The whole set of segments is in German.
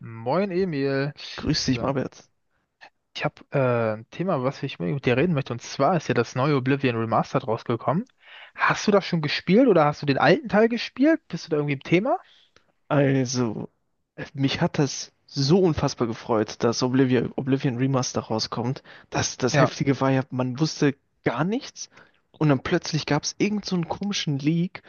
Moin Emil. Grüß dich, So. Marbert. Ich habe ein Thema, was ich mit dir reden möchte. Und zwar ist ja das neue Oblivion Remastered rausgekommen. Hast du das schon gespielt oder hast du den alten Teil gespielt? Bist du da irgendwie im Thema? Also, mich hat das so unfassbar gefreut, dass Oblivion, Oblivion Remaster rauskommt. Das Ja, Heftige war ja, man wusste gar nichts und dann plötzlich gab es irgend so einen komischen Leak,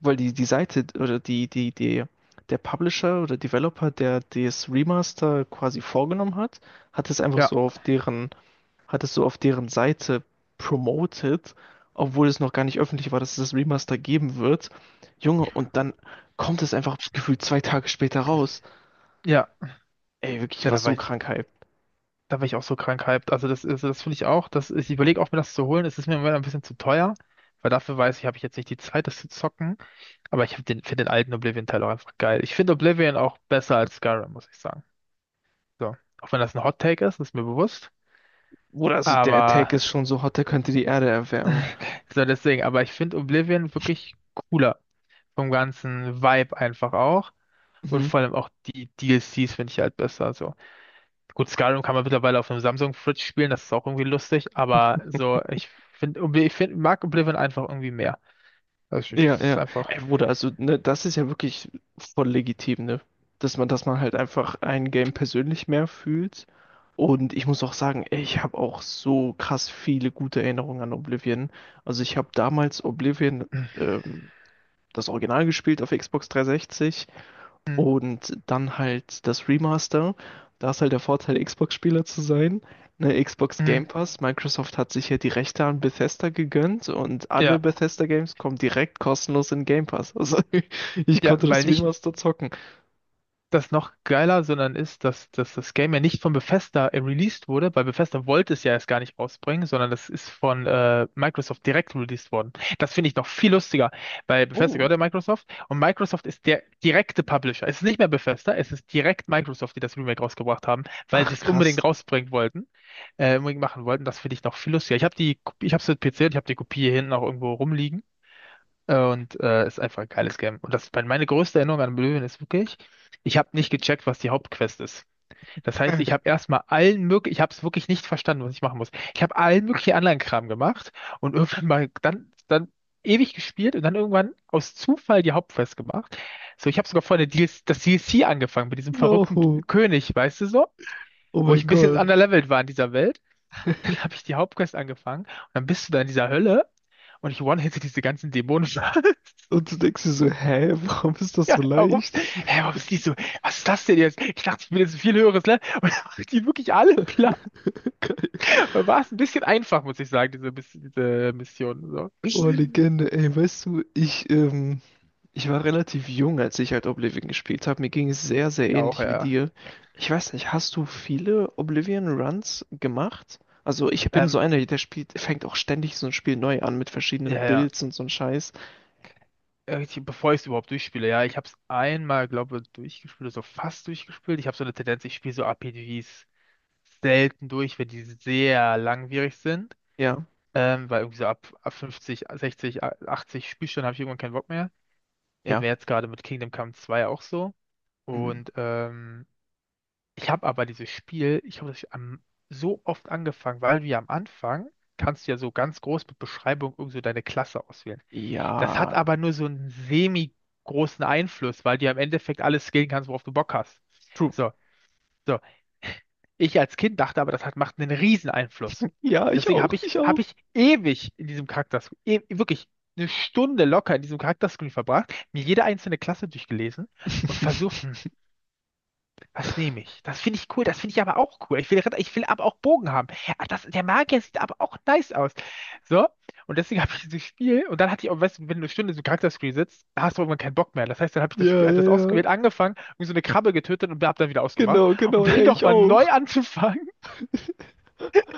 weil die Seite oder der Publisher oder Developer, der das Remaster quasi vorgenommen hat, hat es einfach ja, so auf deren hat es so auf deren Seite promoted, obwohl es noch gar nicht öffentlich war, dass es das Remaster geben wird. Junge, und dann kommt es einfach gefühlt zwei Tage später raus. ja. Ey, wirklich, ich Ja, war da so war ich, krank hyped. da war ich auch so krank hyped. Also das finde ich auch. Das, ich überlege auch, mir das zu holen. Es ist mir im Moment ein bisschen zu teuer, weil dafür weiß ich, habe ich jetzt nicht die Zeit, das zu zocken. Aber ich hab den, finde den alten Oblivion-Teil auch einfach geil. Ich finde Oblivion auch besser als Skyrim, muss ich sagen. So. Auch wenn das ein Hot Take ist, ist mir bewusst. Oder also der Attack Aber ist schon so hot, der könnte die Erde erwärmen. so, deswegen, aber ich finde Oblivion wirklich cooler. Vom ganzen Vibe einfach auch. Und Mhm. vor allem auch die DLCs finde ich halt besser. So. Gut, Skyrim kann man mittlerweile auf einem Samsung-Fridge spielen, das ist auch irgendwie lustig, aber so, ich finde, ich find, mag Oblivion einfach irgendwie mehr. Also ich, es Ja, ist ja. einfach. Ey, Bruder, also ne, das ist ja wirklich voll legitim, ne? Dass man halt einfach ein Game persönlich mehr fühlt. Und ich muss auch sagen, ey, ich habe auch so krass viele gute Erinnerungen an Oblivion. Also ich habe damals Oblivion, ähm, das Original gespielt auf Xbox 360. Mhm. Und dann halt das Remaster. Da ist halt der Vorteil, Xbox-Spieler zu sein. Ne, Xbox Mhm. Game Pass. Microsoft hat sich ja die Rechte an Bethesda gegönnt und alle Ja, Bethesda-Games kommen direkt kostenlos in Game Pass. Also ich ja, konnte weil das nicht Remaster zocken. das noch geiler, sondern ist, dass das Game ja nicht von Bethesda released wurde, weil Bethesda wollte es ja erst gar nicht rausbringen, sondern das ist von Microsoft direkt released worden. Das finde ich noch viel lustiger, weil Bethesda gehört Oh, ja Microsoft und Microsoft ist der direkte Publisher. Es ist nicht mehr Bethesda, es ist direkt Microsoft, die das Remake rausgebracht haben, weil sie ach es krass. unbedingt rausbringen wollten, unbedingt machen wollten. Das finde ich noch viel lustiger. Ich habe die, ich habe es mit PC und ich habe die Kopie hier hinten auch irgendwo rumliegen. Und ist einfach ein geiles Game. Und das, meine größte Erinnerung an Oblivion ist wirklich, ich habe nicht gecheckt, was die Hauptquest ist. Das heißt, ich habe erstmal allen möglichen, ich habe es wirklich nicht verstanden, was ich machen muss. Ich habe allen möglichen anderen Kram gemacht und irgendwann mal dann, dann ewig gespielt und dann irgendwann aus Zufall die Hauptquest gemacht. So, ich habe sogar vorher das DLC angefangen mit diesem verrückten No, König, weißt du so? oh Wo mein ich ein bisschen Gott. underlevelt war in dieser Welt, habe ich die Hauptquest angefangen und dann bist du da in dieser Hölle und ich one-hitte diese ganzen Dämonen. Und du denkst dir so, hä, warum ist das Ja, so warum? leicht? Hä, warum ist die so? Was ist das denn jetzt? Ich dachte, ich will jetzt ein viel höheres Level. Und dann macht die wirklich alle klar. War es ein bisschen einfach, muss ich sagen, diese Mission. So. Ich Boah, Legende, ey, weißt du, ich war relativ jung, als ich halt Oblivion gespielt habe. Mir ging es sehr, sehr auch, ähnlich wie ja. dir. Ich weiß nicht, hast du viele Oblivion-Runs gemacht? Also ich bin so Ähm, einer, der spielt, fängt auch ständig so ein Spiel neu an mit verschiedenen ja, ja. Builds und so ein Scheiß. Bevor ich es überhaupt durchspiele, ja, ich habe es einmal, glaube ich, durchgespielt, so fast durchgespielt. Ich habe so eine Tendenz, ich spiele so RPGs selten durch, wenn die sehr langwierig sind. Ja, Weil irgendwie so ab 50, 60, 80 Spielstunden habe ich irgendwann keinen Bock mehr. Geht ja, mir jetzt gerade mit Kingdom Come 2 auch so. mm, Und ich habe aber dieses Spiel, ich habe das am, so oft angefangen, weil wir am Anfang kannst du ja so ganz groß mit Beschreibung irgend so deine Klasse auswählen. ja, Das hat aber nur so einen semi-großen Einfluss, weil du ja im Endeffekt alles skillen kannst, worauf du Bock hast. true. So, so, ich als Kind dachte aber, das hat, macht einen riesen Einfluss. Ja, Und ich deswegen auch, habe ich, ich auch. habe ich ewig in diesem Charakter, e wirklich eine Stunde locker in diesem Charakterscreen verbracht, mir jede einzelne Klasse durchgelesen und versucht, hm, was nehme ich? Das finde ich cool. Das finde ich aber auch cool. Ich will, ich will aber auch Bogen haben. Ach, das, der Magier sieht aber auch nice aus. So, und deswegen habe ich dieses Spiel. Und dann hatte ich auch, weißt du, wenn du eine Stunde so Charakterscreen sitzt, dann hast du irgendwann keinen Bock mehr. Das heißt, dann habe ich das Ja, Spiel, habe ja, das ja, ausgewählt, angefangen, irgendwie so eine Krabbe getötet und habe dann wieder ausgemacht, genau, um genau, ja, dann ich nochmal neu auch. anzufangen,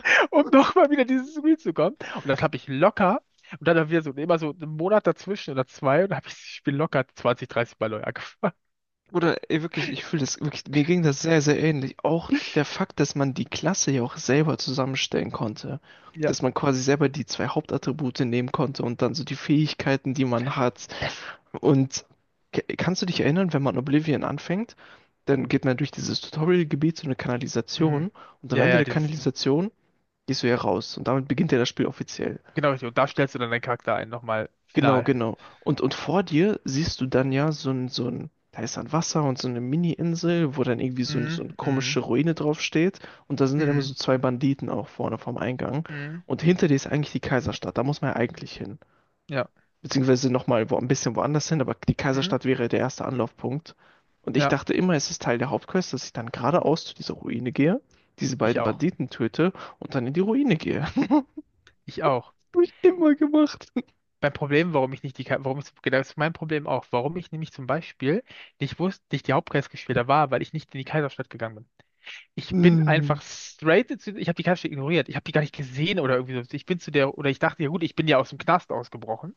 um nochmal wieder dieses Spiel zu kommen. Und das habe ich locker. Und dann wieder so immer so einen Monat dazwischen oder zwei. Und dann habe ich das Spiel locker 20, 30 Mal neu angefangen. Oder ey, wirklich, ich fühle das wirklich, mir ging das sehr, sehr ähnlich. Auch der Fakt, dass man die Klasse ja auch selber zusammenstellen konnte. Ja. Dass man quasi selber die zwei Hauptattribute nehmen konnte und dann so die Fähigkeiten, die man hat. Und kannst du dich erinnern, wenn man Oblivion anfängt, dann geht man durch dieses Tutorial-Gebiet zu einer Mhm. Kanalisation und am Ja, Ende ja, der dieses, Kanalisation gehst du ja raus und damit beginnt ja das Spiel offiziell. genau, richtig. Und da stellst du dann deinen Charakter ein, nochmal Genau, final. genau. Und vor dir siehst du dann ja so ein, da ist dann Wasser und so eine Mini-Insel, wo dann irgendwie so, ein, so Mhm, eine mhm, komische Ruine drauf steht. Und da sind dann immer mhm, so zwei Banditen auch vorne vom Eingang. mhm, Und hinter dir ist eigentlich die Kaiserstadt. Da muss man ja eigentlich hin. ja, Beziehungsweise nochmal wo, ein bisschen woanders hin, aber die mhm, Kaiserstadt wäre der erste Anlaufpunkt. Und ich ja, dachte immer, es ist Teil der Hauptquest, dass ich dann geradeaus zu dieser Ruine gehe, diese ich beiden auch. Banditen töte und dann in die Ruine gehe. Hab Ich auch. ich immer gemacht. Mein Problem, warum ich nicht die, warum ich, genau, das ist mein Problem auch, warum ich nämlich zum Beispiel nicht wusste, nicht die Hauptquest gespielt habe, war, weil ich nicht in die Kaiserstadt gegangen bin. Ich bin Mm. einfach straight zu, ich habe die Kaiserstadt ignoriert. Ich habe die gar nicht gesehen oder irgendwie so. Ich bin zu der, oder ich dachte, ja gut, ich bin ja aus dem Knast ausgebrochen.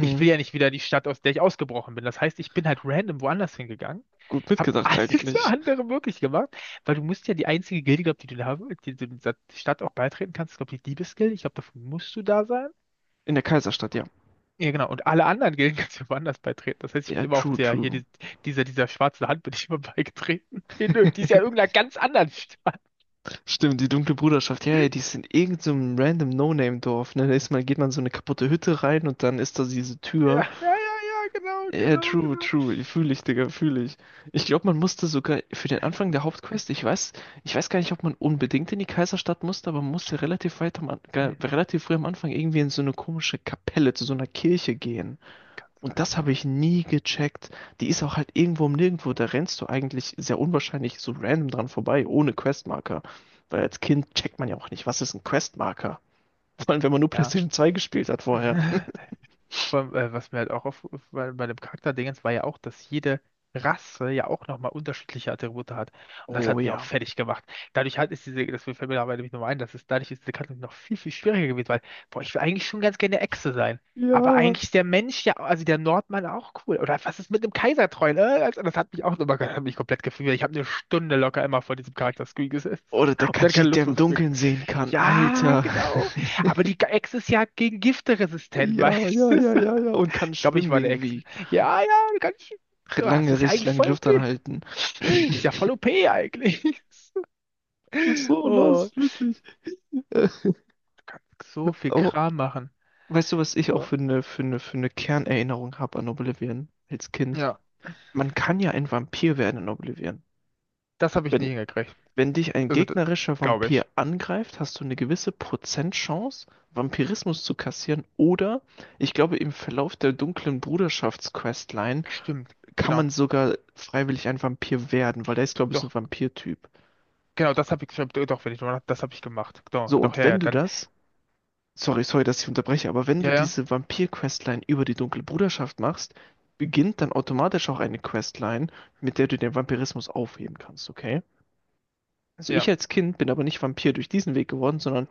Ich will ja nicht wieder in die Stadt, aus der ich ausgebrochen bin. Das heißt, ich bin halt random woanders hingegangen, Gut habe mitgedacht alles eigentlich. andere möglich gemacht, weil du musst ja die einzige Gilde, glaub, die du da, die du in dieser Stadt auch beitreten kannst, glaube ich, die Diebesgilde. Ich glaube, davon musst du da sein. In der Kaiserstadt, ja. Ja, genau. Und alle anderen Gilden kannst du woanders beitreten. Das heißt, ich bin Ja, immer auch true, der, hier, true. die, dieser schwarze Hand bin ich immer beigetreten. In, die ist ja in irgendeiner ganz anderen Stadt. Stimmt, die dunkle Bruderschaft. Ja, ja, die ist in irgendeinem random No-Name-Dorf. Ne? Da ist man, geht man in so eine kaputte Hütte rein und dann ist da diese Ja, Tür. ja, ja, ja, genau, Ja, genau, true, genau. true. Fühle ich, Digga, fühle ich. Ich glaube, man musste sogar für den Anfang der Hauptquest, ich weiß gar nicht, ob man unbedingt in die Kaiserstadt musste, aber man musste relativ weit Hm, relativ früh am Anfang irgendwie in so eine komische Kapelle, zu so einer Kirche gehen. kann Und sein. das habe ich nie gecheckt. Die ist auch halt irgendwo um Nirgendwo. Da rennst du eigentlich sehr unwahrscheinlich so random dran vorbei, ohne Questmarker. Weil als Kind checkt man ja auch nicht, was ist ein Questmarker? Vor allem, wenn man nur Ja. PlayStation 2 gespielt hat Ja. vorher. Vor allem, was mir halt auch auf, bei, bei dem Charakterdingens war ja auch, dass jede Rasse ja auch nochmal unterschiedliche Attribute hat. Und das Oh hat mich auch ja. fertig gemacht. Dadurch halt ist diese, das fällt mir dabei nämlich nochmal ein, dass es dadurch ist diese Karte noch viel, viel schwieriger gewesen, weil, boah, ich will eigentlich schon ganz gerne Echse sein. Aber Ja, eigentlich ist der Mensch ja, also der Nordmann auch cool. Oder was ist mit dem Kaisertreu? Ne? Also das hat mich auch nochmal, hat mich komplett gefühlt. Ich habe eine Stunde locker immer vor diesem Charakter-Screen gesessen. oder der Und dann keine Khajiit, der Lust mehr im aufs Spiel. Dunkeln sehen kann. Ja, Alter. genau. Aber die Echse ist ja gegen Gifte resistent, Ja, weißt ja, du? ja, ja, ja. Und kann Ich glaube, ich schwimmen war der Ex. irgendwie. Ja, ja, ganz schön. Oh, das Lange, ist ja richtig eigentlich lange die voll Luft OP. anhalten. Ist ja voll OP eigentlich. So Oh, los, wirklich. Äh, du kannst so viel Aber Kram machen. weißt du, was ich auch So. Für eine Kernerinnerung habe an Oblivion als Kind? Ja, Man kann ja ein Vampir werden in Oblivion. das habe ich nie Wenn, hingekriegt. wenn dich ein Also, gegnerischer glaube Vampir ich. angreift, hast du eine gewisse Prozentchance, Vampirismus zu kassieren. Oder, ich glaube, im Verlauf der dunklen Bruderschaftsquestline Stimmt, kann genau. man sogar freiwillig ein Vampir werden, weil der ist, glaube ich, so Doch, ein Vampirtyp. genau, das habe ich, stimmt, doch, wenn ich drüber nach, das habe ich gemacht. Doch, So, doch, und ja, ja, wenn du dann, das Sorry, sorry, dass ich unterbreche, aber wenn du ja, diese Vampir-Questline über die Dunkle Bruderschaft machst, beginnt dann automatisch auch eine Questline, mit der du den Vampirismus aufheben kannst, okay? Also ja, ja. ich als Kind bin aber nicht Vampir durch diesen Weg geworden, sondern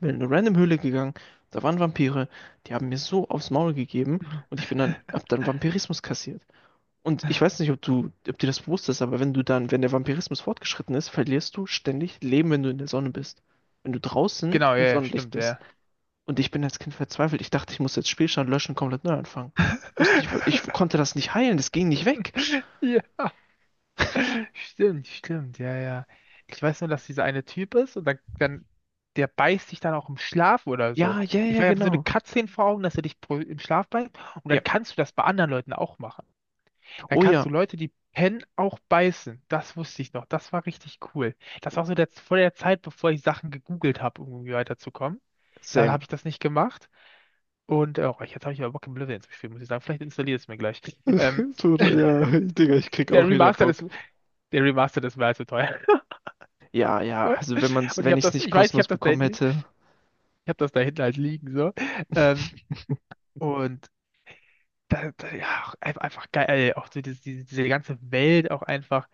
bin in eine random Höhle gegangen, da waren Vampire, die haben mir so aufs Maul gegeben und hab dann Vampirismus kassiert. Und ich weiß nicht, ob du, ob dir das bewusst ist, aber wenn du dann, wenn der Vampirismus fortgeschritten ist, verlierst du ständig Leben, wenn du in der Sonne bist. Wenn du draußen Genau, ja, im ja, Sonnenlicht stimmt, bist. ja. Und ich bin als Kind verzweifelt. Ich dachte, ich muss jetzt Spielstand löschen, komplett neu anfangen. Ich wusste nicht, was, ich konnte das nicht heilen, das ging nicht weg. Ja. Stimmt, stimmt, ja, ja. Ich weiß nur, dass dieser eine Typ ist und dann der beißt dich dann auch im Schlaf oder so. Ja, ja, Ich ja, meine, ich habe so eine genau. Cutscene vor Augen, dass er dich im Schlaf beißt und Ja. dann kannst du das bei anderen Leuten auch machen. Dann Oh kannst du ja, Leute, die pennen, auch beißen. Das wusste ich noch. Das war richtig cool. Das war so der, vor der Zeit, bevor ich Sachen gegoogelt habe, um irgendwie weiterzukommen. Dann same. habe ich das nicht gemacht. Und oh, jetzt habe ich aber Bock, Oblivion zu spielen, muss ich sagen. Vielleicht installiere ich es mir gleich. Ähm, So, ja, Digga, ich krieg der auch wieder Remastered Bock. ist, der Remastered ist mir allzu teuer. Ja, ja, also Und wenn man's, ich wenn habe ich's das, nicht ich weiß, kostenlos bekommen hätte, ich habe das da hinten halt liegen, so. Ähm, und da, da, ja, auch einfach geil, auch so diese, diese, diese ganze Welt auch einfach.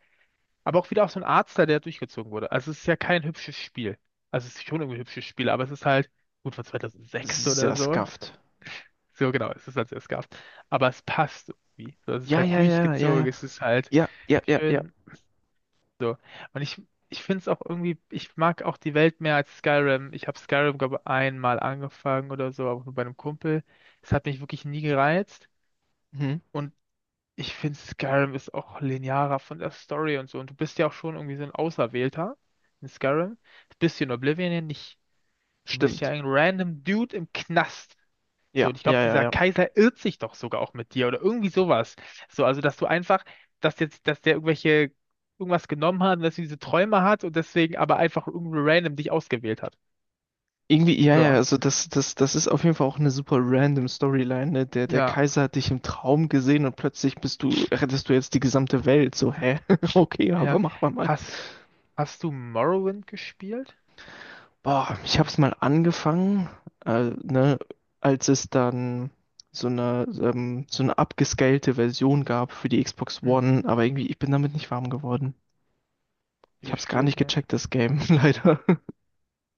Aber auch wieder auch so ein Artstyle, der durchgezogen wurde. Also es ist ja kein hübsches Spiel. Also es ist schon irgendwie ein hübsches Spiel, aber es ist halt gut von 2006 oder sehr so. scuffed. So genau, es ist als es gab. Aber es passt irgendwie. So, es ist Ja, halt ja, ja, durchgezogen, ja, es ist halt ja, ja, ja, ja, ja. schön. So. Und ich finde es auch irgendwie, ich mag auch die Welt mehr als Skyrim. Ich habe Skyrim, glaube ich, einmal angefangen oder so, aber nur bei einem Kumpel. Es hat mich wirklich nie gereizt. Mhm. Und ich finde, Skyrim ist auch linearer von der Story und so. Und du bist ja auch schon irgendwie so ein Auserwählter in Skyrim. Das bist du in Oblivion ja nicht. Du bist ja Stimmt. ein random Dude im Knast. So, Ja, und ich glaube, ja, ja, dieser ja. Kaiser irrt sich doch sogar auch mit dir oder irgendwie sowas. So, also dass du einfach, dass jetzt, dass der irgendwelche irgendwas genommen hat, und dass er diese Träume hat und deswegen aber einfach irgendwie random dich ausgewählt hat. Irgendwie, ja, ja, So, also das ist auf jeden Fall auch eine super random Storyline, ne? Der ja, Kaiser hat dich im Traum gesehen und plötzlich bist du, rettest du jetzt die gesamte Welt. So, hä? Okay, ja. aber mach mal mal. Hast, hast du Morrowind gespielt? Boah, ich hab's mal angefangen, ne, als es dann so eine abgescalte Version gab für die Xbox Hm, One, aber irgendwie, ich bin damit nicht warm geworden. nie Ich hab's gar gespielt, nicht ne? gecheckt, das Game, leider.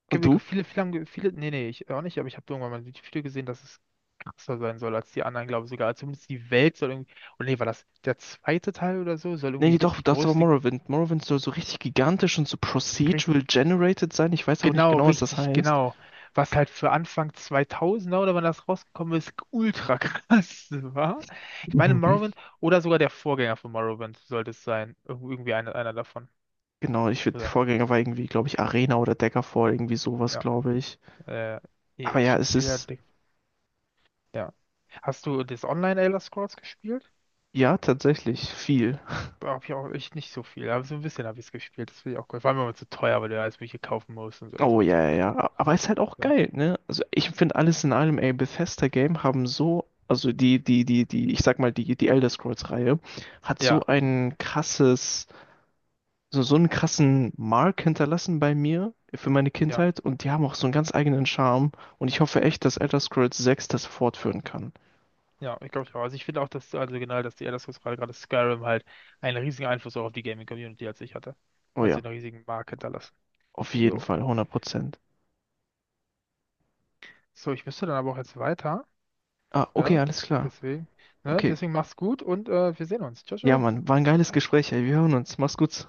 Und du? Viele, viele haben, viele, nee, nee, ich auch nicht, aber ich habe irgendwann mal ein Video gesehen, dass es krasser sein soll als die anderen, glaube ich sogar. Zumindest die Welt soll irgendwie, oder nee, war das der zweite Teil oder so, soll Nee, irgendwie nee, mit doch, die das ist aber größte Morrowind. Morrowind soll so richtig gigantisch und so procedural generated sein. Ich weiß auch nicht genau, genau, was das richtig, heißt. genau. Was halt für Anfang 2000 oder wann das rausgekommen ist, ultra krass war. Ich meine, Mhm. Morrowind oder sogar der Vorgänger von Morrowind sollte es sein. Irgendwie einer, einer davon. Genau, ich würde, Sein. Vorgänger war irgendwie, glaube ich, Arena oder Daggerfall, irgendwie sowas, Ja. glaube ich. Äh, ja, Aber ja, es stimmt, ja. ist, ja. Hast du das Online Elder Scrolls gespielt? ja, tatsächlich viel. Hab ich auch echt nicht so viel, aber so ein bisschen habe ich es gespielt. Das finde ich auch cool. Vor allem, wenn man zu teuer, weil du ja alles Mögliche kaufen musst und so. Das Oh, war zu ja, ja, blöd dann. ja. Aber ist halt auch Ja, geil, ne? Also, ich finde alles in allem, ey, Bethesda-Game haben so, also ich sag mal, die Elder Scrolls-Reihe hat so ja, ein krasses so einen krassen Mark hinterlassen bei mir für meine ja. Kindheit und die haben auch so einen ganz eigenen Charme und ich hoffe echt, dass Elder Scrolls 6 das fortführen kann. Ja, ich glaube, auch. Also ich finde auch, dass, also genau, dass die Elder Scrolls gerade, gerade Skyrim halt einen riesigen Einfluss auch auf die Gaming-Community als ich hatte. Oh Also ja, einen riesigen Mark hinterlassen. auf jeden Jo. Fall, 100%. So, ich müsste dann aber auch jetzt weiter. Ah, okay, Ja, alles klar. deswegen, ne, Okay. deswegen mach's gut und wir sehen uns. Ciao, Ja, ciao. Mann, war ein geiles Gespräch, ey. Wir hören uns. Mach's gut.